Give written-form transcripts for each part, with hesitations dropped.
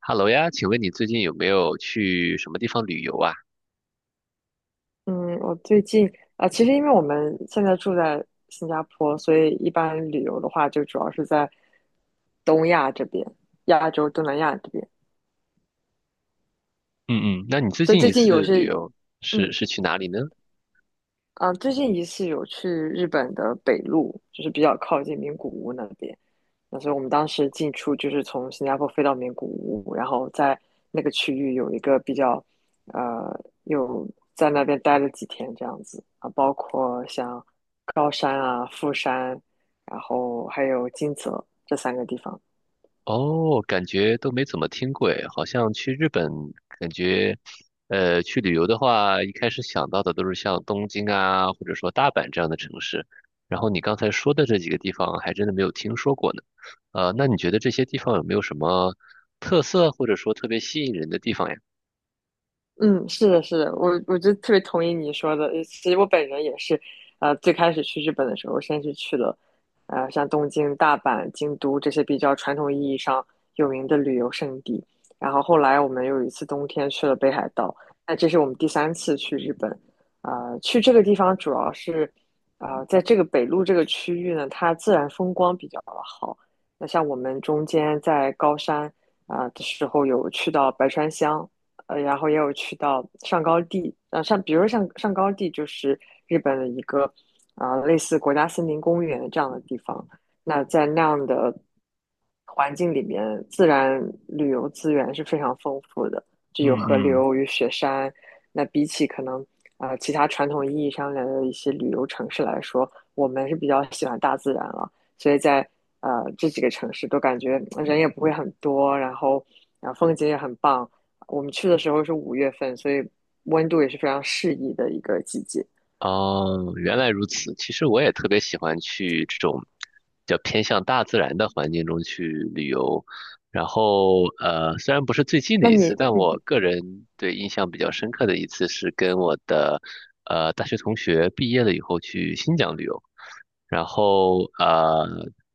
哈喽呀，请问你最近有没有去什么地方旅游啊？嗯，我最近其实因为我们现在住在新加坡，所以一般旅游的话，就主要是在东亚这边，亚洲、东南亚这边。嗯嗯，那你最所以近最一近有次旅是，游是嗯，是去哪里呢？最近一次有去日本的北陆，就是比较靠近名古屋那边。那所以我们当时进出就是从新加坡飞到名古屋，然后在那个区域有一个比较，呃，有在那边待了几天这样子啊，包括像高山啊、富山，然后还有金泽这三个地方。哦，感觉都没怎么听过诶，好像去日本，感觉去旅游的话，一开始想到的都是像东京啊，或者说大阪这样的城市。然后你刚才说的这几个地方，还真的没有听说过呢。那你觉得这些地方有没有什么特色，或者说特别吸引人的地方呀？嗯，是的，是的，我就特别同意你说的。其实我本人也是，最开始去日本的时候，先是去了，像东京、大阪、京都这些比较传统意义上有名的旅游胜地。然后后来我们有一次冬天去了北海道，那这是我们第三次去日本。去这个地方主要是，在这个北陆这个区域呢，它自然风光比较好。那像我们中间在高山啊、的时候，有去到白川乡，然后也有去到上高地，像比如说像上高地就是日本的一个，啊，类似国家森林公园这样的地方。那在那样的环境里面，自然旅游资源是非常丰富的，就有河流与雪山。那比起可能啊，其他传统意义上的一些旅游城市来说，我们是比较喜欢大自然了，所以在这几个城市都感觉人也不会很多，然后风景也很棒。我们去的时候是5月份，所以温度也是非常适宜的一个季节。哦，原来如此。其实我也特别喜欢去这种比较偏向大自然的环境中去旅游。然后，虽然不是最近的那一次，你，但我个人对印象比较深刻的一次是跟我的大学同学毕业了以后去新疆旅游。然后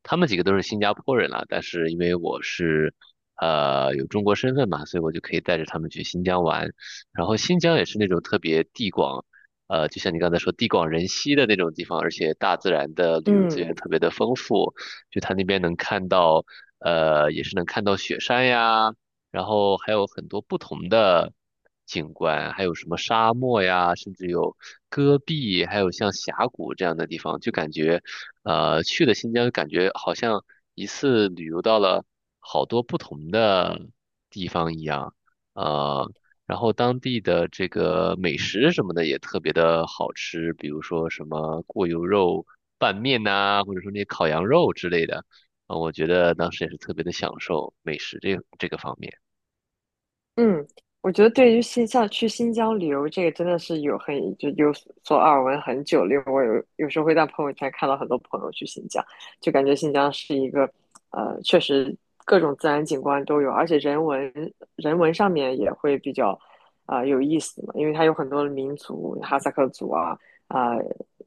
他们几个都是新加坡人啦，但是因为我是有中国身份嘛，所以我就可以带着他们去新疆玩。然后新疆也是那种特别地广就像你刚才说，地广人稀的那种地方，而且大自然的旅游资嗯，源特别的丰富，就它那边能看到，也是能看到雪山呀，然后还有很多不同的景观，还有什么沙漠呀，甚至有戈壁，还有像峡谷这样的地方，就感觉，去了新疆，感觉好像一次旅游到了好多不同的地方一样。呃，然后当地的这个美食什么的也特别的好吃，比如说什么过油肉拌面呐、或者说那些烤羊肉之类的，啊，我觉得当时也是特别的享受美食这个方面。嗯，我觉得对于去新疆旅游这个真的是有有所耳闻很久了，因为我有时候会在朋友圈看到很多朋友去新疆，就感觉新疆是一个确实各种自然景观都有，而且人文上面也会比较有意思嘛，因为它有很多的民族，哈萨克族啊、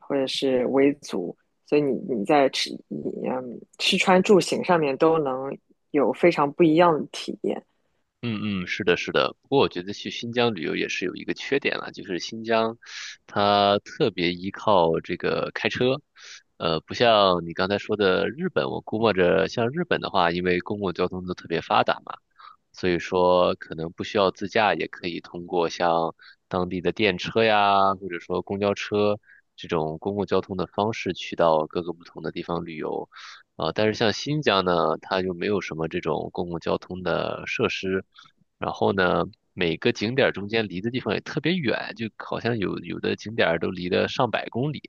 或者是维族，所以你在吃你嗯吃穿住行上面都能有非常不一样的体验。嗯嗯，是的，是的。不过我觉得去新疆旅游也是有一个缺点了，就是新疆它特别依靠这个开车，不像你刚才说的日本，我估摸着像日本的话，因为公共交通都特别发达嘛。所以说可能不需要自驾，也可以通过像当地的电车呀，或者说公交车这种公共交通的方式去到各个不同的地方旅游。但是像新疆呢，它就没有什么这种公共交通的设施，然后呢，每个景点儿中间离的地方也特别远，就好像有的景点儿都离得上百公里。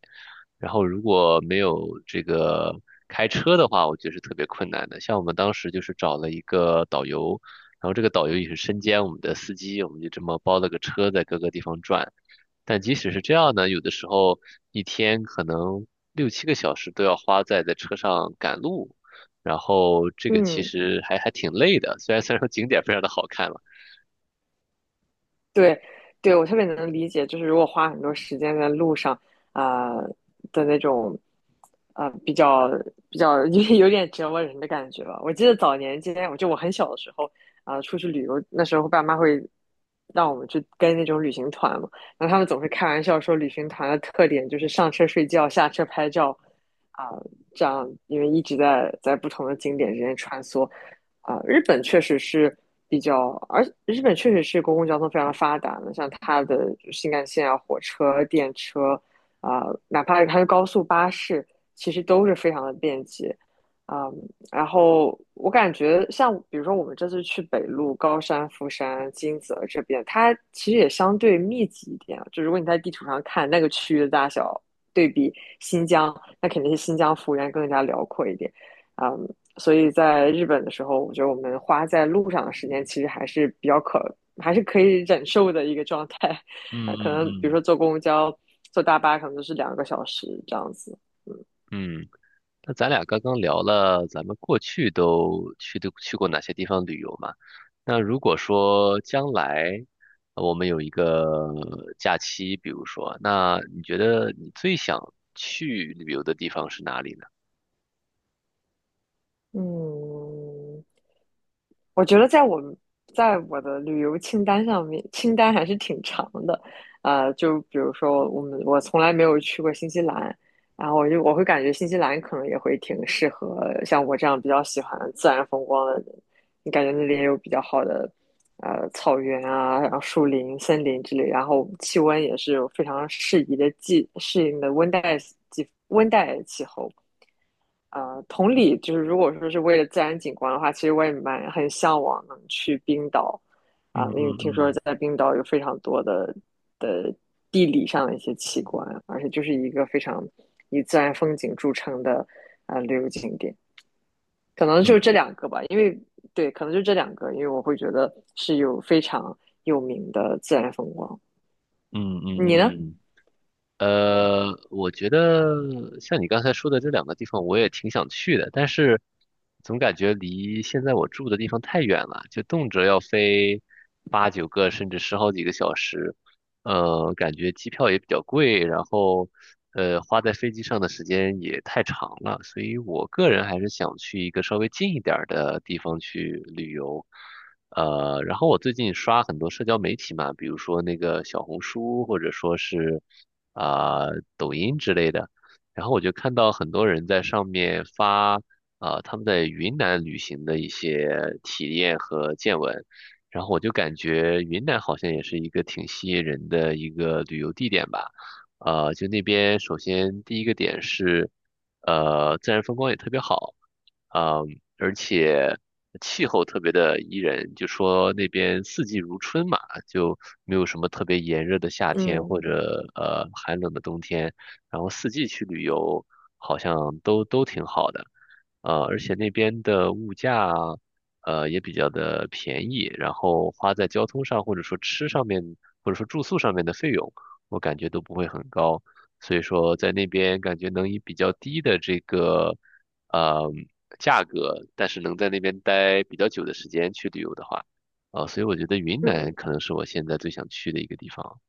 然后如果没有这个开车的话，我觉得是特别困难的。像我们当时就是找了一个导游，然后这个导游也是身兼我们的司机，我们就这么包了个车在各个地方转。但即使是这样呢，有的时候一天可能六七个小时都要花在车上赶路，然后这个其嗯，实还挺累的。虽然说景点非常的好看了，对，对，我特别能理解，就是如果花很多时间在路上，啊、的那种，啊、比较比较 有点折磨人的感觉吧。我记得早年间，我很小的时候，出去旅游，那时候爸妈会让我们去跟那种旅行团嘛，然后他们总是开玩笑说，旅行团的特点就是上车睡觉，下车拍照，啊、这样因为一直在不同的景点之间穿梭。日本确实是比较，而日本确实是公共交通非常发达的，像它的新干线啊、火车、电车哪怕是它的高速巴士，其实都是非常的便捷。啊、然后我感觉像比如说我们这次去北路、高山、富山、金泽这边，它其实也相对密集一点啊，就如果你在地图上看那个区域的大小，对比新疆，那肯定是新疆幅员更加辽阔一点。啊、所以在日本的时候，我觉得我们花在路上的时间其实还是可以忍受的一个状态。嗯呃，可能比如嗯说坐公交、坐大巴，可能都是2个小时这样子。嗯，嗯。那咱俩刚刚聊了咱们过去都去过哪些地方旅游嘛？那如果说将来我们有一个假期，比如说，那你觉得你最想去旅游的地方是哪里呢？嗯，我觉得在我的旅游清单上面，清单还是挺长的。就比如说我从来没有去过新西兰，然后我会感觉新西兰可能也会挺适合像我这样比较喜欢自然风光的人。你感觉那里也有比较好的草原啊，然后树林、森林之类，然后气温也是有非常适宜的季适应的温带季温带气候。同理，就是如果说是为了自然景观的话，其实我也很向往能去冰岛嗯啊，因为嗯听说嗯在冰岛有非常多的的地理上的一些奇观，而且就是一个非常以自然风景著称的啊旅游景点，可能就这嗯两个吧，因为对，可能就这两个，因为我会觉得是有非常有名的自然风光。嗯嗯你呢？嗯。我觉得像你刚才说的这两个地方，我也挺想去的，但是总感觉离现在我住的地方太远了，就动辄要飞八九个甚至十好几个小时。感觉机票也比较贵，然后花在飞机上的时间也太长了，所以我个人还是想去一个稍微近一点儿的地方去旅游。然后我最近刷很多社交媒体嘛，比如说那个小红书，或者说是啊、抖音之类的，然后我就看到很多人在上面发他们在云南旅行的一些体验和见闻。然后我就感觉云南好像也是一个挺吸引人的一个旅游地点吧。就那边首先第一个点是，自然风光也特别好，呃，而且气候特别的宜人，就说那边四季如春嘛，就没有什么特别炎热的夏天嗯或者寒冷的冬天，然后四季去旅游好像都挺好的。而且那边的物价也比较的便宜，然后花在交通上或者说吃上面或者说住宿上面的费用，我感觉都不会很高，所以说在那边感觉能以比较低的这个呃价格，但是能在那边待比较久的时间去旅游的话，所以我觉得云南嗯。可能是我现在最想去的一个地方。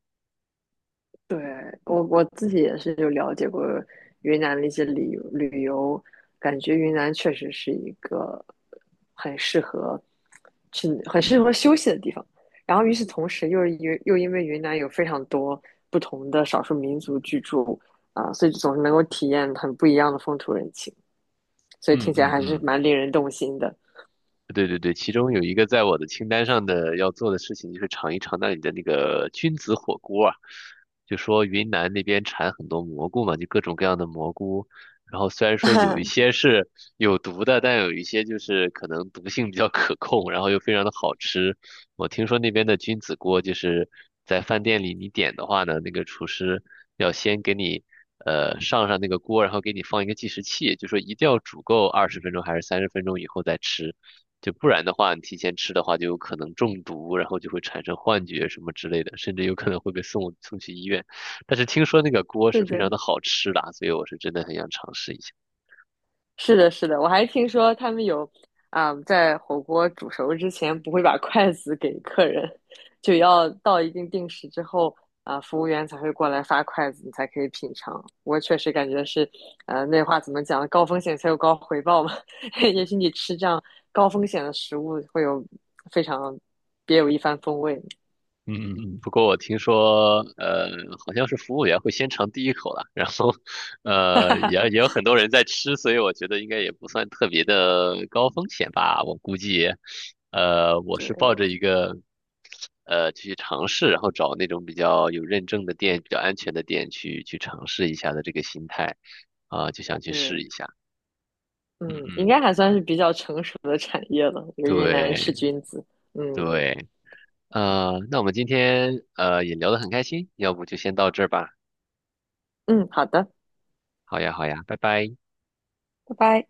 对，我自己也是就了解过云南的一些旅游，感觉云南确实是一个很适合去、很适合休息的地方。然后与此同时又因为云南有非常多不同的少数民族居住所以总是能够体验很不一样的风土人情，所以嗯听起来还是嗯蛮令人动心的。对对对，其中有一个在我的清单上的要做的事情，就是尝一尝那里的那个菌子火锅啊。就说云南那边产很多蘑菇嘛，就各种各样的蘑菇。然后虽然说有一些 是有毒的，但有一些就是可能毒性比较可控，然后又非常的好吃。我听说那边的君子锅就是在饭店里你点的话呢，那个厨师要先给你上那个锅，然后给你放一个计时器，就说一定要煮够20分钟还是30分钟以后再吃，就不然的话你提前吃的话就有可能中毒，然后就会产生幻觉什么之类的，甚至有可能会被送去医院。但是听说那个锅是是非常的，的好吃的啊所以我是真的很想尝试一下。是的，是的，我还听说他们有在火锅煮熟之前不会把筷子给客人，就要到一定时之后服务员才会过来发筷子，你才可以品尝。我确实感觉是，那话怎么讲？高风险才有高回报嘛。也许你吃这样高风险的食物，会有非常别有一番风味。嗯嗯嗯，不过我听说，好像是服务员会先尝第一口了，然后，也 有很多人在吃，所以我觉得应该也不算特别的高风险吧。我估计，我是对，抱着一个，去尝试，然后找那种比较有认证的店、比较安全的店去尝试一下的这个心态，就想去试嗯一下。嗯嗯，应嗯，该还算是比较成熟的产业了。这个云南吃对菌子，嗯对，那我们今天也聊得很开心，要不就先到这儿吧。嗯，好的，好呀，好呀，拜拜。拜拜。